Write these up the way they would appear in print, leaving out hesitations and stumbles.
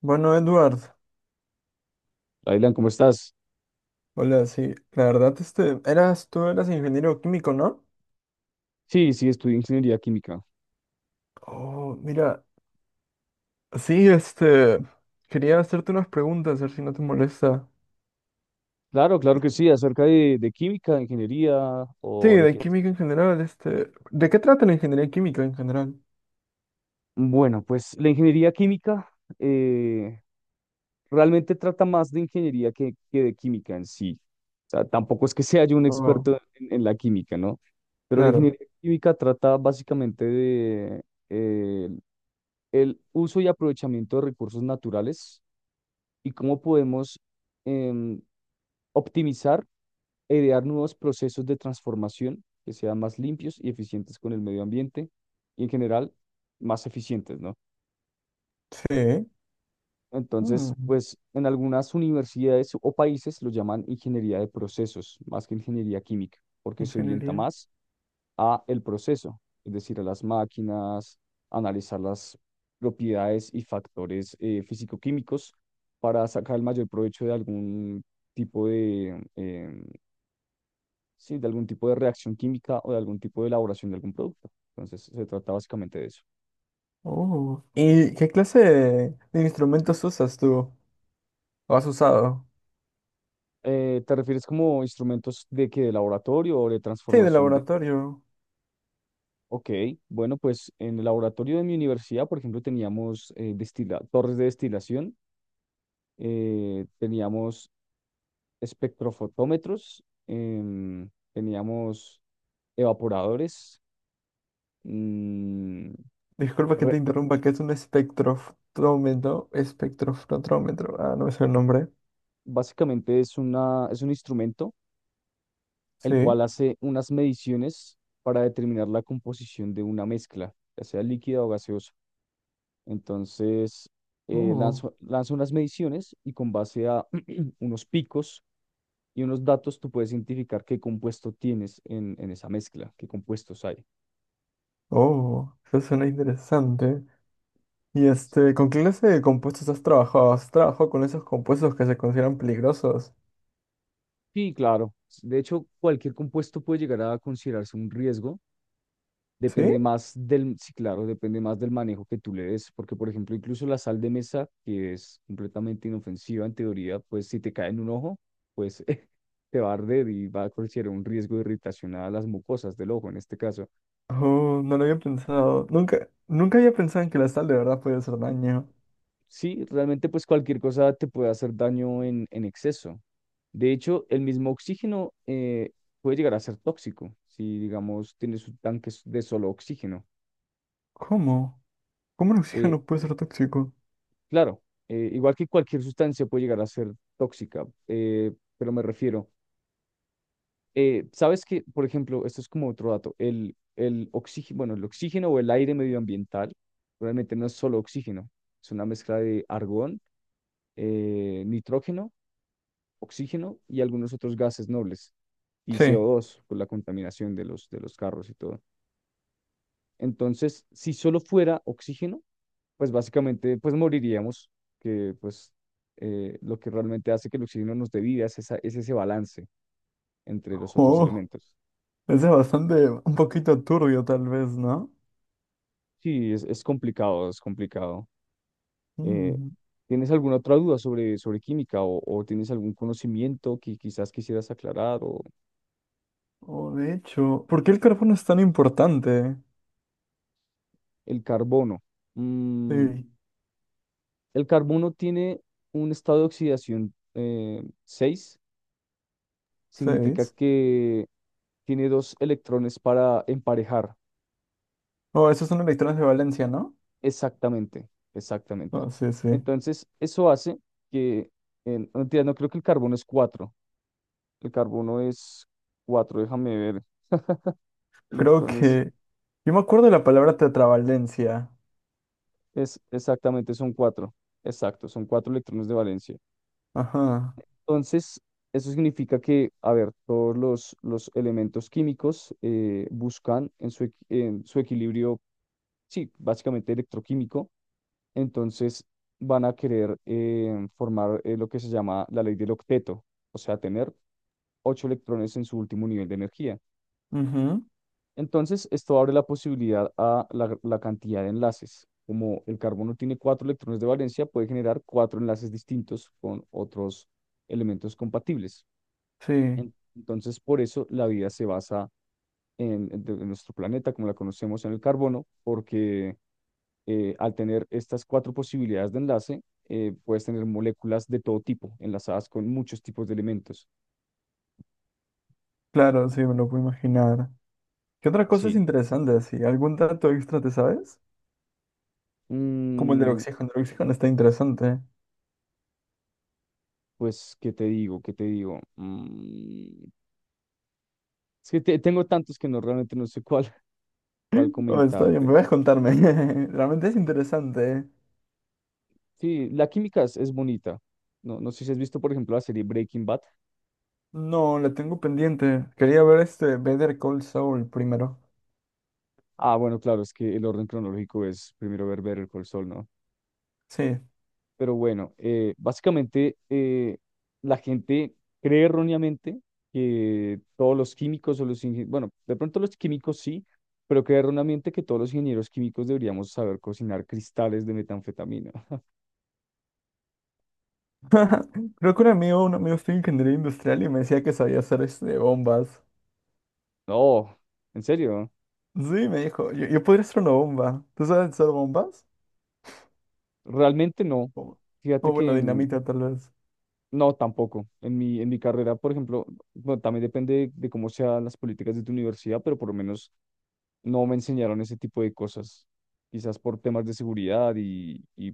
Bueno, Edward, Dylan, ¿cómo estás? hola, sí, la verdad, tú eras ingeniero químico, ¿no? Sí, sí, estudié ingeniería química. Oh, mira, sí, quería hacerte unas preguntas, a ver si no te molesta. Claro, claro que sí, acerca de química, de ingeniería Sí, o de de qué. química en general, ¿de qué trata la ingeniería química en general? Bueno, pues la ingeniería química eh, realmente trata más de ingeniería que de química en sí. O sea, tampoco es que sea yo un Oh, experto en la química, ¿no? Pero la claro, ingeniería química trata básicamente de eh, el uso y aprovechamiento de recursos naturales y cómo podemos em, optimizar e idear nuevos procesos de transformación que sean más limpios y eficientes con el medio ambiente y en general más eficientes, ¿no? sí, Entonces, mm, pues en algunas universidades o países lo llaman ingeniería de procesos, más que ingeniería química, porque se orienta ingeniería, más a el proceso, es decir, a las máquinas, analizar las propiedades y factores físico-químicos para sacar el mayor provecho de algún tipo de sí, de algún tipo de reacción química o de algún tipo de elaboración de algún producto. Entonces, se trata básicamente de eso. oh. ¿Y qué clase de instrumentos usas tú, o has usado? ¿Te refieres como instrumentos de que de laboratorio o de Sí, de transformación de... laboratorio. Ok, bueno, pues en el laboratorio de mi universidad, por ejemplo, teníamos torres de destilación, teníamos espectrofotómetros, teníamos evaporadores. mm, Disculpa que te re- interrumpa, que es un espectrofrómetro, ah, no me sé el nombre, Básicamente es un instrumento el sí, cual hace unas mediciones para determinar la composición de una mezcla, ya sea líquida o gaseosa. Entonces, oh, lanza unas mediciones y con base a unos picos y unos datos, tú puedes identificar qué compuesto tienes en esa mezcla, qué compuestos hay. oh, eso suena interesante. Y ¿con qué clase de compuestos has trabajado? ¿Has trabajado con esos compuestos que se consideran peligrosos? Sí, claro. De hecho, cualquier compuesto puede llegar a considerarse un riesgo. ¿Sí? Depende más del, sí, claro, depende más del manejo que tú le des, porque por ejemplo, incluso la sal de mesa, que es completamente inofensiva en teoría, pues si te cae en un ojo, pues te va a arder y va a considerar un riesgo de irritación a las mucosas del ojo en este caso. Oh, no lo había pensado, nunca había pensado en que la sal de verdad puede hacer daño. Sí, realmente pues cualquier cosa te puede hacer daño en exceso. De hecho, el mismo oxígeno puede llegar a ser tóxico si, digamos, tienes un tanque de solo oxígeno. ¿Cómo? ¿Cómo el Eh, oxígeno puede ser tóxico? Claro, igual que cualquier sustancia puede llegar a ser tóxica, pero me refiero, sabes que, por ejemplo, esto es como otro dato, el oxígeno, bueno, el oxígeno o el aire medioambiental realmente no es solo oxígeno, es una mezcla de argón, nitrógeno, oxígeno y algunos otros gases nobles y Sí. CO2 por la contaminación de los carros y todo. Entonces, si solo fuera oxígeno, pues básicamente pues moriríamos, que pues lo que realmente hace que el oxígeno nos dé vida es ese balance entre los otros Oh, elementos. eso es bastante, un poquito turbio tal vez, ¿no? Sí, es complicado, es complicado. Eh, Mm. ¿Tienes alguna otra duda sobre, sobre química o tienes algún conocimiento que quizás quisieras aclarar? O Oh, de hecho, ¿por qué el carbono es tan importante? el carbono. Mm, Sí, el carbono tiene un estado de oxidación seis, significa seis. que tiene dos electrones para emparejar. Oh, esos son electrones de valencia, ¿no? Exactamente, exactamente. Oh, sí, sí. Entonces, eso hace que, en, no, mentira, no creo que el carbono es 4, el carbono es 4. Déjame ver, Creo electrones, que... Yo me acuerdo de la palabra tetravalencia. es exactamente, son 4, exacto, son 4 electrones de valencia. Ajá. Entonces, eso significa que, a ver, todos los elementos químicos buscan en en su equilibrio, sí, básicamente electroquímico, entonces van a querer formar lo que se llama la ley del octeto, o sea, tener 8 electrones en su último nivel de energía. Ujú. Entonces, esto abre la posibilidad a la cantidad de enlaces. Como el carbono tiene 4 electrones de valencia, puede generar 4 enlaces distintos con otros elementos compatibles. Sí, Entonces, por eso la vida se basa en nuestro planeta, como la conocemos, en el carbono, porque al tener estas cuatro posibilidades de enlace, puedes tener moléculas de todo tipo, enlazadas con muchos tipos de elementos. claro, sí, me lo puedo imaginar. ¿Qué otra cosa es Sí. interesante así? ¿Algún dato extra te sabes? Como el del Mm, oxígeno. El oxígeno está interesante. pues ¿qué te digo? ¿Qué te digo? Mm, es que tengo tantos que no realmente no sé cuál, cuál Oh, está bien, comentarte. me vas a contarme. Realmente es interesante. Sí, la química es bonita. No, no sé si has visto, por ejemplo, la serie Breaking Bad. No, la tengo pendiente. Quería ver Better Call Saul primero. Ah, bueno, claro, es que el orden cronológico es primero ver Better Call Saul, ¿no? Sí, Pero bueno, básicamente la gente cree erróneamente que todos los químicos o los ingenieros, bueno, de pronto los químicos sí, pero cree erróneamente que todos los ingenieros químicos deberíamos saber cocinar cristales de metanfetamina. Creo que un amigo estudia ingeniería industrial y me decía que sabía hacer bombas. No, en serio, Sí, me dijo, yo podría hacer una bomba. ¿Tú sabes hacer bombas? realmente no. O, Fíjate o bueno, que dinamita tal vez. no, tampoco. En en mi carrera, por ejemplo, bueno, también depende de cómo sean las políticas de tu universidad, pero por lo menos no me enseñaron ese tipo de cosas. Quizás por temas de seguridad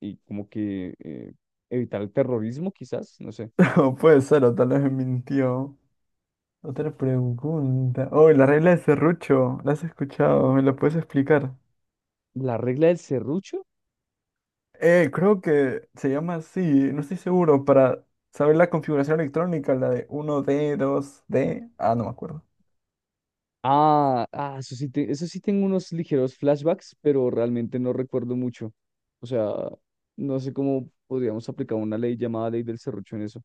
y como que evitar el terrorismo, quizás, no sé. O puede ser, o tal vez me mintió. Otra pregunta. Oh, la regla de serrucho. ¿La has escuchado? ¿Me la puedes explicar? La regla del serrucho. Creo que se llama así, no estoy seguro, para saber la configuración electrónica, la de uno d dos d. Ah, no me acuerdo. Ah, ah, eso sí, eso sí tengo unos ligeros flashbacks, pero realmente no recuerdo mucho. O sea, no sé cómo podríamos aplicar una ley llamada ley del serrucho en eso.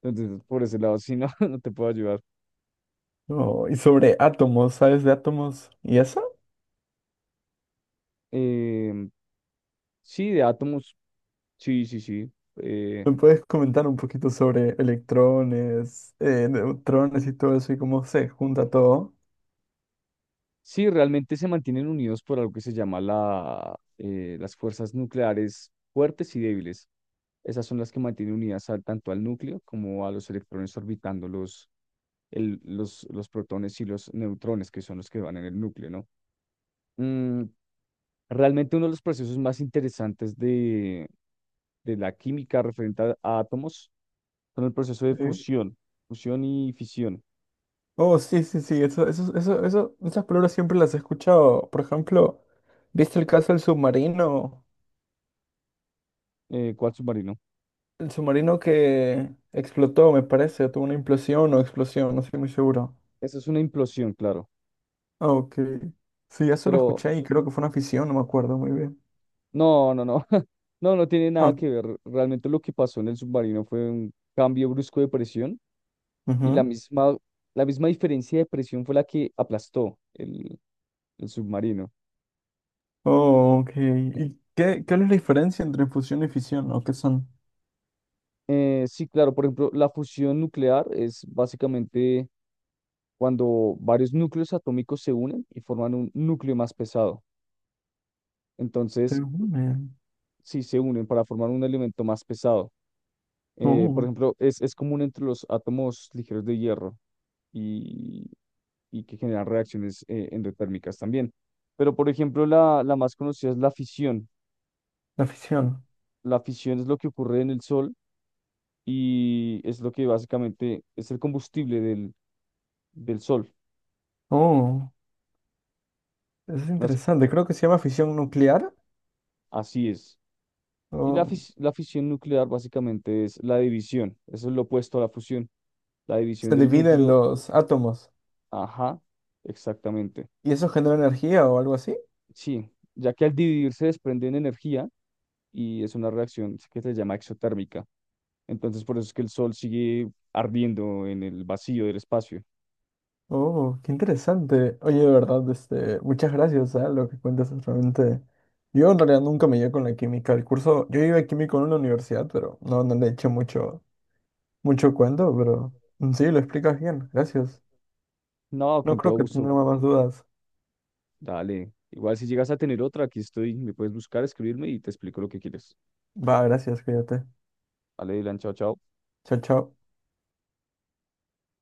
Entonces, por ese lado, sí, no, no te puedo ayudar. No y sobre átomos, ¿sabes de átomos? Y eso, Em, sí, de átomos, sí, sí, sí. Eh, ¿me puedes comentar un poquito sobre electrones, neutrones y todo eso y cómo se junta todo? sí, realmente se mantienen unidos por algo que se llama las fuerzas nucleares fuertes y débiles. Esas son las que mantienen unidas tanto al núcleo como a los electrones orbitándolos, los protones y los neutrones, que son los que van en el núcleo, ¿no? Mm, realmente uno de los procesos más interesantes de la química referente a átomos son el proceso de ¿Sí? fusión, fusión y fisión, Oh, sí, sí, sí, esas palabras siempre las he escuchado. Por ejemplo, ¿viste el caso del submarino? Cual submarino. El submarino que explotó, me parece, tuvo una implosión o explosión, no estoy muy seguro. Eso es una implosión, claro, Ah, ok. Sí, eso lo pero escuché y creo que fue una fisión, no me acuerdo muy bien. no, no, no, no, no tiene Ah, nada que ver. Realmente lo que pasó en el submarino fue un cambio brusco de presión y ujú. La misma diferencia de presión fue la que aplastó el submarino. Oh, ok. ¿Y qué, cuál es la diferencia entre fusión y fisión? ¿O qué son? Sí, claro, por ejemplo, la fusión nuclear es básicamente cuando varios núcleos atómicos se unen y forman un núcleo más pesado. Se Entonces, unen. sí se unen para formar un elemento más pesado. Por Oh, ejemplo, es común entre los átomos ligeros de hierro y, y que generan reacciones endotérmicas también. Pero, por ejemplo, la más conocida es la fisión. la fisión. La fisión es lo que ocurre en el Sol y es lo que básicamente es el combustible del, del Sol. Oh, eso es interesante. Creo que se llama fisión nuclear. Así es. Y Oh, la fisión nuclear básicamente es la división. Eso es lo opuesto a la fusión. La división se del dividen núcleo. los átomos Ajá, exactamente. y eso genera energía o algo así. Sí, ya que al dividirse desprenden energía y es una reacción que se llama exotérmica. Entonces por eso es que el sol sigue ardiendo en el vacío del espacio. Oh, qué interesante. Oye, de verdad, muchas gracias a lo que cuentas es realmente. Yo en realidad nunca me llevé con la química. El curso, yo iba a químico en una universidad, pero no le eché mucho, mucho cuento, pero mm, sí, lo explicas bien. Gracias. No, No con creo todo que gusto. tenga más dudas. Dale. Igual si llegas a tener otra, aquí estoy. Me puedes buscar, escribirme y te explico lo que quieres. Va, gracias, cuídate. Dale, Dylan, chao, chao. Chao, chao.